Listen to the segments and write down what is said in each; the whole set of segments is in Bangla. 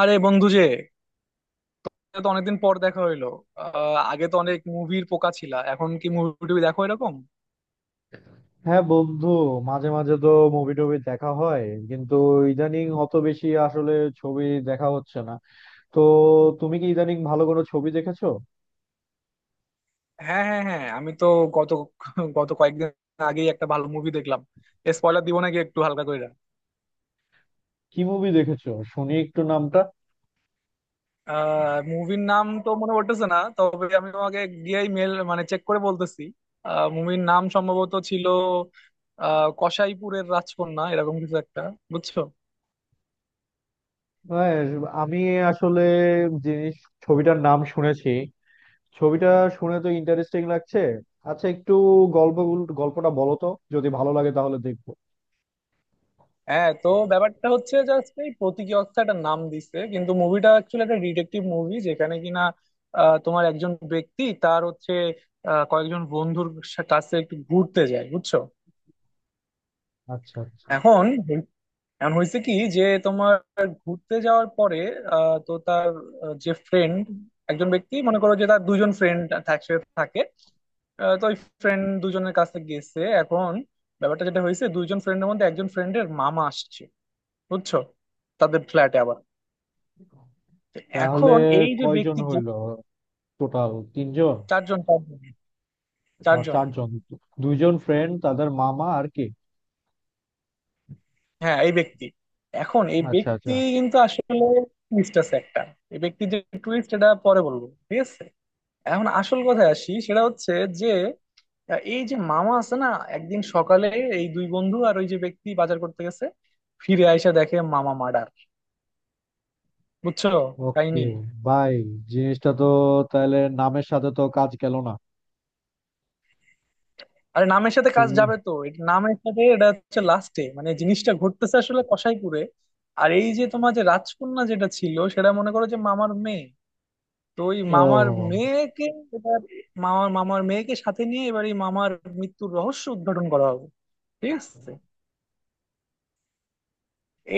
আরে বন্ধু যে, এটা তো অনেকদিন পর দেখা হইলো। আগে তো অনেক মুভির পোকা ছিলা, এখন কি মুভি টুভি দেখো এরকম? হ্যাঁ বন্ধু, মাঝে মাঝে তো মুভি টুভি দেখা হয়, কিন্তু ইদানিং অত বেশি আসলে ছবি দেখা হচ্ছে না। তো তুমি কি ইদানিং ভালো কোনো ছবি দেখেছো? হ্যাঁ হ্যাঁ হ্যাঁ, আমি তো গত গত কয়েকদিন আগেই একটা ভালো মুভি দেখলাম। স্পয়লার দিব নাকি একটু হালকা করে? কি মুভি দেখেছো শুনি একটু নামটা। মুভির নাম তো মনে পড়তেছে না, তবে আমি তোমাকে গিয়েই মেল মানে চেক করে বলতেছি। মুভির নাম সম্ভবত ছিল কসাইপুরের রাজকন্যা এরকম কিছু একটা। বুঝছো? হ্যাঁ, আমি আসলে জিনিস ছবিটার নাম শুনেছি, ছবিটা শুনে তো ইন্টারেস্টিং লাগছে। আচ্ছা, একটু গল্প গল্পটা বলো তো, যদি ভালো লাগে তাহলে দেখবো। হ্যাঁ, তো ব্যাপারটা হচ্ছে জাস্ট এই প্রতীকী অর্থে একটা নাম দিছে, কিন্তু মুভিটা অ্যাকচুয়ালি একটা ডিটেকটিভ মুভি, যেখানে কিনা তোমার একজন ব্যক্তি তার হচ্ছে কয়েকজন বন্ধুর কাছে একটু ঘুরতে যায়। বুঝছো? আচ্ছা আচ্ছা। এখন হই- এখন হয়েছে কি যে তোমার ঘুরতে যাওয়ার পরে তো তার আহ, যে ফ্রেন্ড একজন ব্যক্তি মনে করো যে তার দুজন ফ্রেন্ড একসাথে থাকে। তো ওই ফ্রেন্ড দুজনের কাছে গেছে। এখন ব্যাপারটা যেটা হয়েছে, দুইজন ফ্রেন্ডের মধ্যে একজন ফ্রেন্ডের মামা আসছে, বুঝছো, তাদের ফ্ল্যাটে আবার। তো তাহলে এখন এই যে কয়জন ব্যক্তি। হইলো? টোটাল তিনজন? চারজন চারজন আর চারজন। চারজন, দুইজন ফ্রেন্ড, তাদের মামা, আর কে? হ্যাঁ এই ব্যক্তি, এখন এই আচ্ছা আচ্ছা। ব্যক্তি কিন্তু আসলে টুইস্ট আছে একটা। এই ব্যক্তি যে, টুইস্ট এটা পরে বলবো, ঠিক আছে। এখন আসল কথায় আসি, সেটা হচ্ছে যে এই যে মামা আছে না, একদিন সকালে এই দুই বন্ধু আর ওই যে ব্যক্তি বাজার করতে গেছে, ফিরে আইসা দেখে মামা মার্ডার। বুঝছো ওকে, কাহিনী? বাই। জিনিসটা তো তাহলে নামের সাথে তো কাজ গেল না। আরে নামের সাথে কাজ তুমি যাবে তো, এটা নামের সাথে, এটা হচ্ছে লাস্টে মানে জিনিসটা ঘটতেছে আসলে কসাইপুরে। আর এই যে তোমার যে রাজকন্যা যেটা ছিল, সেটা মনে করো যে মামার মেয়ে। তো ওই মামার ও। মেয়েকে এবার মামার মামার মেয়েকে সাথে নিয়ে এবার এই মামার মৃত্যুর রহস্য উদ্ঘাটন করা হবে, ঠিক আছে।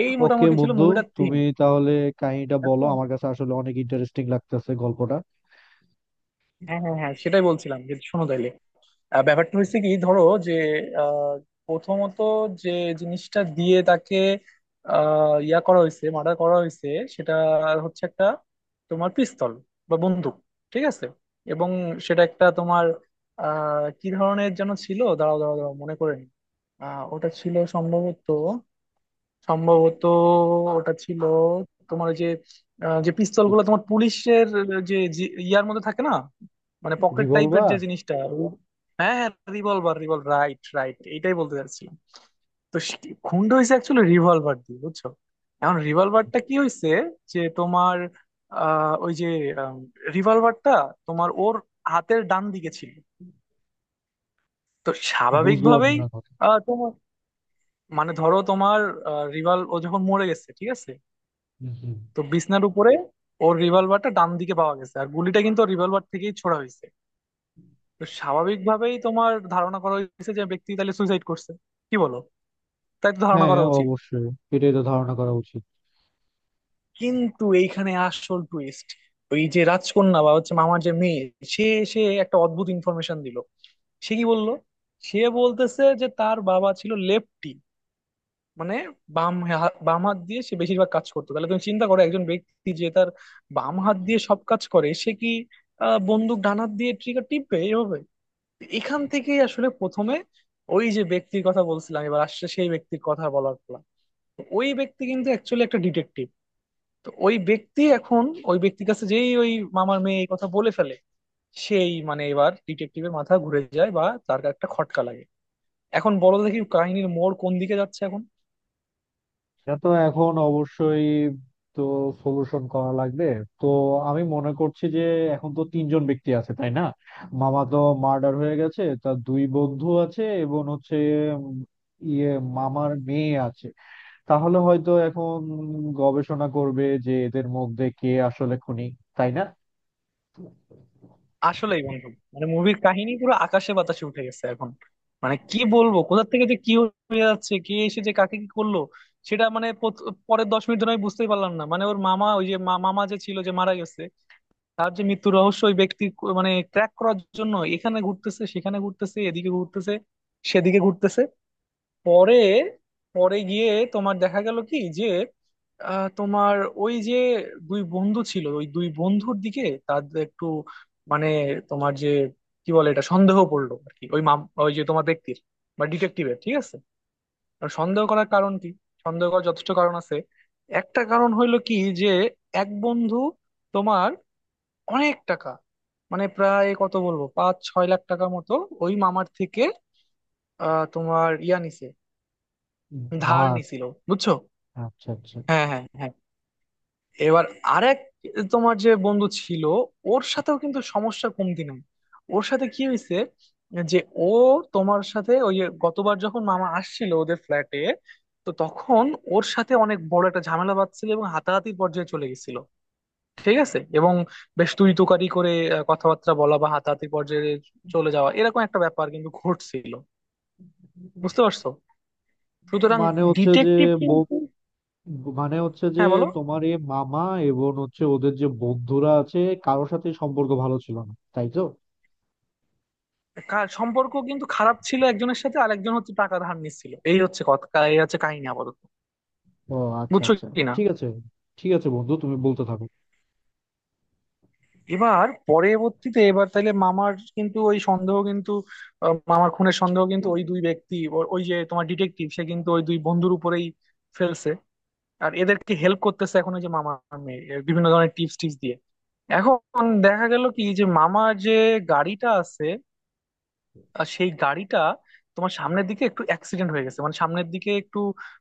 এই ওকে মোটামুটি ছিল বন্ধু, মুভিটার থিম। তুমি তাহলে কাহিনীটা বলো, এখন আমার কাছে আসলে অনেক ইন্টারেস্টিং লাগতেছে গল্পটা। হ্যাঁ হ্যাঁ হ্যাঁ, সেটাই বলছিলাম যে শোনো তাইলে। ব্যাপারটা হচ্ছে কি, ধরো যে আহ, প্রথমত যে জিনিসটা দিয়ে তাকে ইয়া করা হয়েছে, মার্ডার করা হয়েছে, সেটা হচ্ছে একটা তোমার পিস্তল বা বন্দুক, ঠিক আছে। এবং সেটা একটা তোমার কি ধরনের যেন ছিল, দাঁড়াও দাঁড়াও দাঁড়াও মনে করে নি। ওটা ছিল সম্ভবত, সম্ভবত ওটা ছিল তোমার ওই যে যে পিস্তল গুলো তোমার পুলিশের যে ইয়ার মধ্যে থাকে না, মানে পকেট টাইপের রিভলভার। যে জিনিসটা হ্যাঁ হ্যাঁ, রিভলভার রিভলভার, রাইট রাইট, এইটাই বলতে চাচ্ছিলাম। তো সে- খুনটা হয়েছে অ্যাকচুয়ালি রিভলভার দিয়ে, বুঝছো। এখন রিভলভারটা কি হয়েছে, যে তোমার ওই যে রিভলভারটা তোমার ওর হাতের ডান দিকে ছিল। তো বুঝলাম স্বাভাবিকভাবেই না কথা। তোমার মানে ধরো তোমার ও যখন মরে গেছে, ঠিক আছে। হুম, হুম। তো বিছনার উপরে ওর রিভলভারটা ডান দিকে পাওয়া গেছে, আর গুলিটা কিন্তু রিভলভার থেকেই ছোড়া হয়েছে। তো স্বাভাবিকভাবেই তোমার ধারণা করা হয়েছে যে ব্যক্তি তাহলে সুইসাইড করছে। কি বলো, তাই তো ধারণা হ্যাঁ, করা উচিত? অবশ্যই, এটাই তো ধারণা করা উচিত। কিন্তু এইখানে আসল টুইস্ট, ওই যে রাজকন্যা বা হচ্ছে মামার যে মেয়ে, সে সে একটা অদ্ভুত ইনফরমেশন দিল। সে কি বললো? সে বলতেছে যে তার বাবা ছিল লেফটি, মানে বাম হাত দিয়ে সে বেশিরভাগ কাজ করতো। তাহলে তুমি চিন্তা করো একজন ব্যক্তি যে তার বাম হাত দিয়ে সব কাজ করে, সে কি বন্দুক ডান হাত দিয়ে ট্রিগার টিপবে এভাবে? এখান থেকেই আসলে প্রথমে ওই যে ব্যক্তির কথা বলছিলাম, এবার আসছে সেই ব্যক্তির কথা বলার পালা। তো ওই ব্যক্তি কিন্তু অ্যাকচুয়ালি একটা ডিটেকটিভ। তো ওই ব্যক্তি এখন, ওই ব্যক্তির কাছে যেই ওই মামার মেয়ে এই কথা বলে ফেলে, সেই মানে এবার ডিটেকটিভের মাথা ঘুরে যায় বা তার একটা খটকা লাগে। এখন বলো দেখি কাহিনীর মোড় কোন দিকে যাচ্ছে এখন। এটা তো এখন অবশ্যই তো সলিউশন করা লাগবে। তো আমি মনে করছি যে এখন তো তিনজন ব্যক্তি আছে, তাই না? মামা তো মার্ডার হয়ে গেছে, তার দুই বন্ধু আছে, এবং হচ্ছে উম, ইয়ে মামার মেয়ে আছে। তাহলে হয়তো এখন গবেষণা করবে যে এদের মধ্যে কে আসলে খুনি, তাই না? আসলেই বন্ধু, মানে মুভির কাহিনী পুরো আকাশে বাতাসে উঠে গেছে এখন। মানে কি বলবো, কোথা থেকে যে কি হয়ে যাচ্ছে, কে এসে যে কাকে কি করলো, সেটা পরের 10 মিনিট ধরে আমি বুঝতেই পারলাম না। মানে ওর মামা, ওই যে মামা যে ছিল যে মারা গেছে, তার যে মৃত্যু রহস্য ওই ব্যক্তি মানে ক্র্যাক করার জন্য এখানে ঘুরতেছে, সেখানে ঘুরতেছে, এদিকে ঘুরতেছে, সেদিকে ঘুরতেছে। পরে পরে গিয়ে তোমার দেখা গেল কি যে তোমার ওই যে দুই বন্ধু ছিল, ওই দুই বন্ধুর দিকে তাদের একটু মানে তোমার যে কি বলে, এটা সন্দেহ পড়লো আর কি, ওই ওই যে তোমার ব্যক্তির বা ডিটেকটিভের, ঠিক আছে। আর সন্দেহ করার কারণ কি? সন্দেহ করার যথেষ্ট কারণ আছে। একটা কারণ হইলো কি, যে এক বন্ধু তোমার অনেক টাকা, মানে প্রায় কত বলবো 5-6 লাখ টাকা মতো ওই মামার থেকে তোমার ইয়া নিছে, না। ধার নিছিল, বুঝছো। আচ্ছা আচ্ছা। হ্যাঁ হ্যাঁ হ্যাঁ, এবার আরেক তোমার যে বন্ধু ছিল, ওর সাথেও কিন্তু সমস্যা কমতি নাই। ওর সাথে কি হয়েছে, যে ও তোমার সাথে, ওই যে গতবার যখন মামা আসছিল ওদের ফ্ল্যাটে, তো তখন ওর সাথে অনেক বড় একটা ঝামেলা বাঁধছিল এবং হাতাহাতির পর্যায়ে চলে গেছিল, ঠিক আছে। এবং বেশ তুই তুকারি করে কথাবার্তা বলা বা হাতাহাতির পর্যায়ে চলে যাওয়া এরকম একটা ব্যাপার কিন্তু ঘটছিল। বুঝতে পারছো? সুতরাং মানে হচ্ছে যে, ডিটেকটিভ কিন্তু। মানে হচ্ছে যে হ্যাঁ বলো। তোমার এই মামা এবং হচ্ছে ওদের যে বন্ধুরা আছে, কারোর সাথে সম্পর্ক ভালো ছিল না, তাই তো? সম্পর্ক কিন্তু খারাপ ছিল একজনের সাথে, আর একজন হচ্ছে টাকা ধার নিচ্ছিল। এই হচ্ছে কথা, এই হচ্ছে কাহিনী আপাতত, ও, আচ্ছা বুঝছো আচ্ছা। কি না। ঠিক আছে, ঠিক আছে বন্ধু, তুমি বলতে থাকো। এবার পরবর্তীতে এবার তাইলে মামার কিন্তু ওই সন্দেহ কিন্তু মামার খুনের সন্দেহ কিন্তু ওই দুই ব্যক্তি ওই যে তোমার ডিটেকটিভ সে কিন্তু ওই দুই বন্ধুর উপরেই ফেলছে। আর এদেরকে হেল্প করতেছে এখন ওই যে মামার মেয়ে, এর বিভিন্ন ধরনের টিপস টিপস দিয়ে। এখন দেখা গেল কি যে মামার যে গাড়িটা আছে, আর সেই গাড়িটা তোমার সামনের দিকে একটু অ্যাক্সিডেন্ট হয়ে গেছে, মানে সামনের দিকে একটু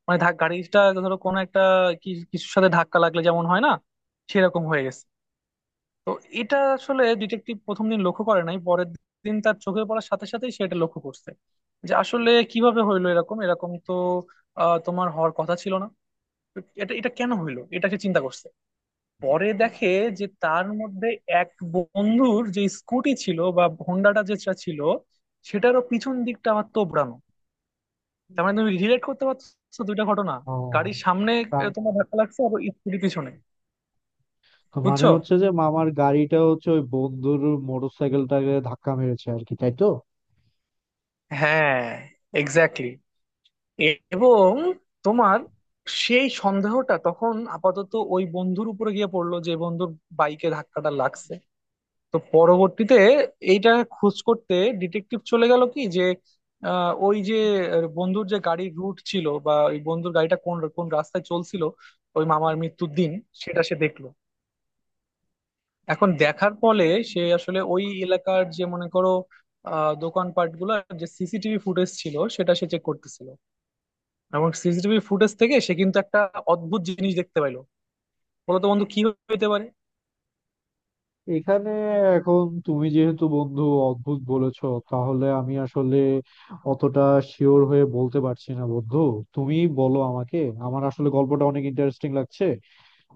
মানে গাড়িটা ধরো কোনো একটা কিছুর সাথে ধাক্কা লাগলে যেমন হয় না, সেরকম হয়ে গেছে। তো এটা আসলে ডিটেকটিভ প্রথম দিন লক্ষ্য করে নাই, পরের দিন তার চোখে পড়ার সাথে সাথেই সে এটা লক্ষ্য করছে যে আসলে কিভাবে হইলো এরকম এরকম, তো তোমার হওয়ার কথা ছিল না, এটা এটা কেন হইলো এটা সে চিন্তা করছে। পরে দেখে যে তার মধ্যে এক বন্ধুর যে স্কুটি ছিল বা হোন্ডাটা যেটা ছিল সেটারও পিছন দিকটা আবার তোবড়ানো। তার মানে তুমি রিলেট করতে পারছো দুইটা ঘটনা, ও, গাড়ির সামনে তা তোমার ধাক্কা লাগছে আর স্কুটি পিছনে, তো। মানে বুঝছো। হচ্ছে যে মামার গাড়িটা হচ্ছে ওই বন্ধুর মোটরসাইকেলটাকে ধাক্কা মেরেছে আর কি, তাই তো? হ্যাঁ, এক্স্যাক্টলি। এবং তোমার সেই সন্দেহটা তখন আপাতত ওই বন্ধুর উপরে গিয়ে পড়লো যে বন্ধুর বাইকে ধাক্কাটা লাগছে। তো পরবর্তীতে এইটা খোঁজ করতে ডিটেকটিভ চলে গেল কি যে আহ, ওই যে আহ, বন্ধুর যে গাড়ির রুট ছিল বা ওই বন্ধুর গাড়িটা কোন কোন রাস্তায় চলছিল ওই মামার মৃত্যুর দিন, সেটা সে দেখলো। এখন দেখার ফলে সে আসলে ওই এলাকার যে মনে করো দোকানপাট গুলো যে সিসিটিভি ফুটেজ ছিল সেটা সে চেক করতেছিল। এবং সিসিটিভি ফুটেজ থেকে সে কিন্তু একটা অদ্ভুত জিনিস দেখতে পাইলো। বলতো বন্ধু কি হইতে পারে? এখানে এখন তুমি যেহেতু বন্ধু অদ্ভুত বলেছো, তাহলে আমি আসলে অতটা শিওর হয়ে বলতে পারছি না বন্ধু। তুমি বলো আমাকে, আমার আসলে গল্পটা অনেক ইন্টারেস্টিং লাগছে,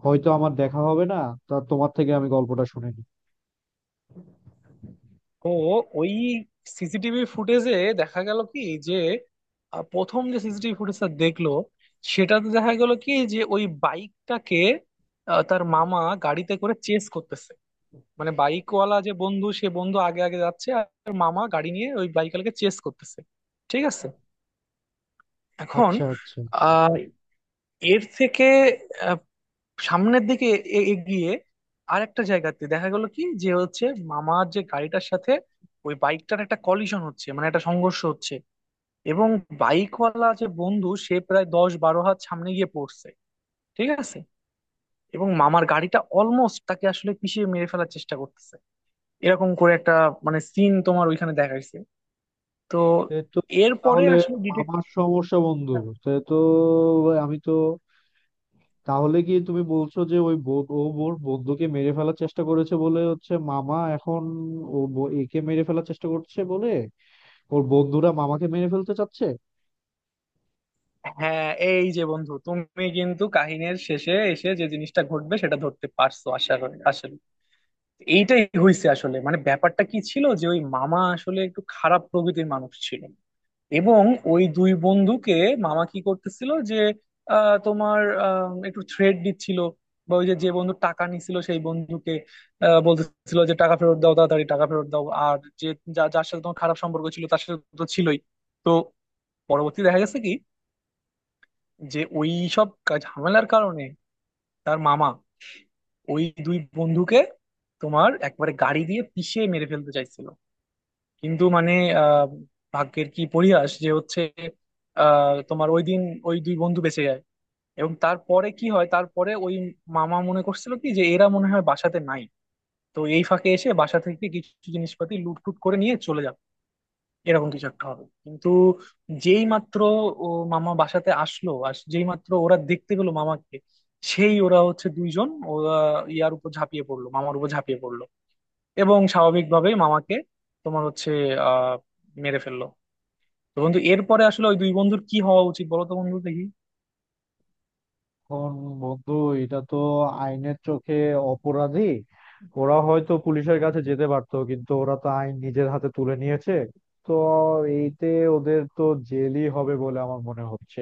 হয়তো আমার দেখা হবে না, তা তোমার থেকে আমি গল্পটা শুনে নিই। তো ওই সিসিটিভি ফুটেজে দেখা গেল কি যে প্রথম যে সিসিটিভি ফুটেজটা দেখলো, সেটাতে দেখা গেল কি যে ওই বাইকটাকে তার মামা গাড়িতে করে চেস করতেছে, মানে বাইকওয়ালা যে বন্ধু সে বন্ধু আগে আগে যাচ্ছে আর তার মামা গাড়ি নিয়ে ওই বাইকওয়ালাকে চেস করতেছে, ঠিক আছে। এখন আচ্ছা আচ্ছা। আহ এর থেকে সামনের দিকে এগিয়ে আর একটা জায়গাতে দেখা গেল কি যে হচ্ছে মামার যে গাড়িটার সাথে ওই বাইকটার একটা কলিশন হচ্ছে, মানে একটা সংঘর্ষ হচ্ছে। এবং বাইকওয়ালা যে বন্ধু সে প্রায় 10-12 হাত সামনে গিয়ে পড়ছে, ঠিক আছে। এবং মামার গাড়িটা অলমোস্ট তাকে আসলে পিষে মেরে ফেলার চেষ্টা করতেছে, এরকম করে একটা মানে সিন তোমার ওইখানে দেখাইছে। তো এ তো, এরপরে তাহলে আসলে ডিটেক্ট। আমার সমস্যা বন্ধু। সে তো, আমি তো, তাহলে কি তুমি বলছো যে ও ওর বন্ধুকে মেরে ফেলার চেষ্টা করেছে বলে হচ্ছে মামা, এখন একে মেরে ফেলার চেষ্টা করছে বলে ওর বন্ধুরা মামাকে মেরে ফেলতে চাচ্ছে? হ্যাঁ এই যে বন্ধু, তুমি কিন্তু কাহিনীর শেষে এসে যে জিনিসটা ঘটবে সেটা ধরতে পারছো আশা করি। আসলে এইটাই হয়েছে আসলে, মানে ব্যাপারটা কি ছিল যে ওই মামা আসলে একটু খারাপ প্রকৃতির মানুষ ছিল। এবং ওই দুই বন্ধুকে মামা কি করতেছিল যে একটু থ্রেট দিচ্ছিল, বা ওই যে যে বন্ধু টাকা নিছিল সেই বন্ধুকে বলতেছিল যে টাকা ফেরত দাও, তাড়াতাড়ি টাকা ফেরত দাও, আর যে যার সাথে তোমার খারাপ সম্পর্ক ছিল তার সাথে তো ছিলই। তো পরবর্তী দেখা গেছে কি, যে ওই সব ঝামেলার কারণে তার মামা ওই দুই বন্ধুকে তোমার একবারে গাড়ি দিয়ে পিষে মেরে ফেলতে চাইছিল। কিন্তু মানে আহ ভাগ্যের কি পরিহাস যে হচ্ছে তোমার ওই দিন ওই দুই বন্ধু বেঁচে যায়। এবং তারপরে কি হয়, তারপরে ওই মামা মনে করছিল কি যে এরা মনে হয় বাসাতে নাই, তো এই ফাঁকে এসে বাসা থেকে কিছু জিনিসপাতি লুট টুট করে নিয়ে চলে যাবে এরকম কিছু একটা হবে। কিন্তু যেই মাত্র ও মামা বাসাতে আসলো আর যেই মাত্র ওরা দেখতে পেলো মামাকে, সেই ওরা হচ্ছে দুইজন ওরা ইয়ার উপর ঝাঁপিয়ে পড়লো, মামার উপর ঝাঁপিয়ে পড়লো। এবং স্বাভাবিকভাবেই মামাকে তোমার হচ্ছে আহ মেরে ফেললো। তো বন্ধু এরপরে আসলে ওই দুই বন্ধুর কি হওয়া উচিত বলো তো বন্ধু দেখি। এখন বন্ধু, এটা তো আইনের চোখে অপরাধী। ওরা হয়তো পুলিশের কাছে যেতে পারতো, কিন্তু ওরা তো আইন নিজের হাতে তুলে নিয়েছে। তো এইতে ওদের তো জেলই হবে বলে আমার মনে হচ্ছে।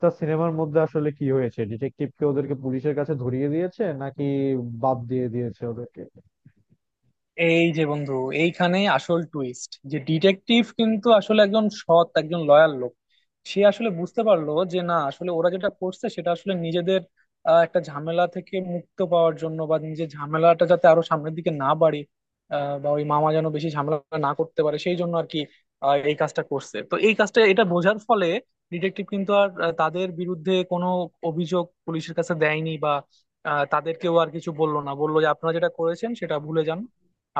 তা সিনেমার মধ্যে আসলে কি হয়েছে, ডিটেকটিভ কে ওদেরকে পুলিশের কাছে ধরিয়ে দিয়েছে নাকি বাদ দিয়ে দিয়েছে ওদেরকে? এই যে বন্ধু, এইখানে আসল টুইস্ট, যে ডিটেকটিভ কিন্তু আসলে একজন সৎ, একজন লয়াল লোক। সে আসলে বুঝতে পারলো যে না আসলে ওরা যেটা করছে সেটা আসলে নিজেদের একটা ঝামেলা থেকে মুক্ত পাওয়ার জন্য, বা নিজের ঝামেলাটা যাতে আরো সামনের দিকে না বাড়ে বা ওই মামা যেন বেশি ঝামেলা না করতে পারে সেই জন্য আর কি এই কাজটা করছে। তো এই কাজটা এটা বোঝার ফলে ডিটেকটিভ কিন্তু আর তাদের বিরুদ্ধে কোনো অভিযোগ পুলিশের কাছে দেয়নি বা তাদেরকেও আর কিছু বললো না, বললো যে আপনারা যেটা করেছেন সেটা ভুলে যান,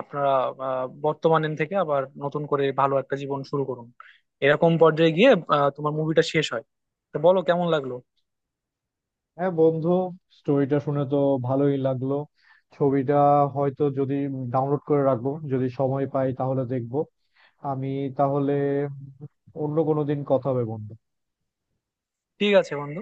আপনারা বর্তমানের থেকে আবার নতুন করে ভালো একটা জীবন শুরু করুন। এরকম পর্যায়ে গিয়ে তোমার মুভিটা শেষ হয়। তো বলো কেমন লাগলো। হ্যাঁ বন্ধু, স্টোরিটা শুনে তো ভালোই লাগলো। ছবিটা হয়তো, যদি ডাউনলোড করে রাখবো, যদি সময় পাই তাহলে দেখবো। আমি তাহলে অন্য কোনো দিন কথা হবে বন্ধু। ঠিক আছে বন্ধু।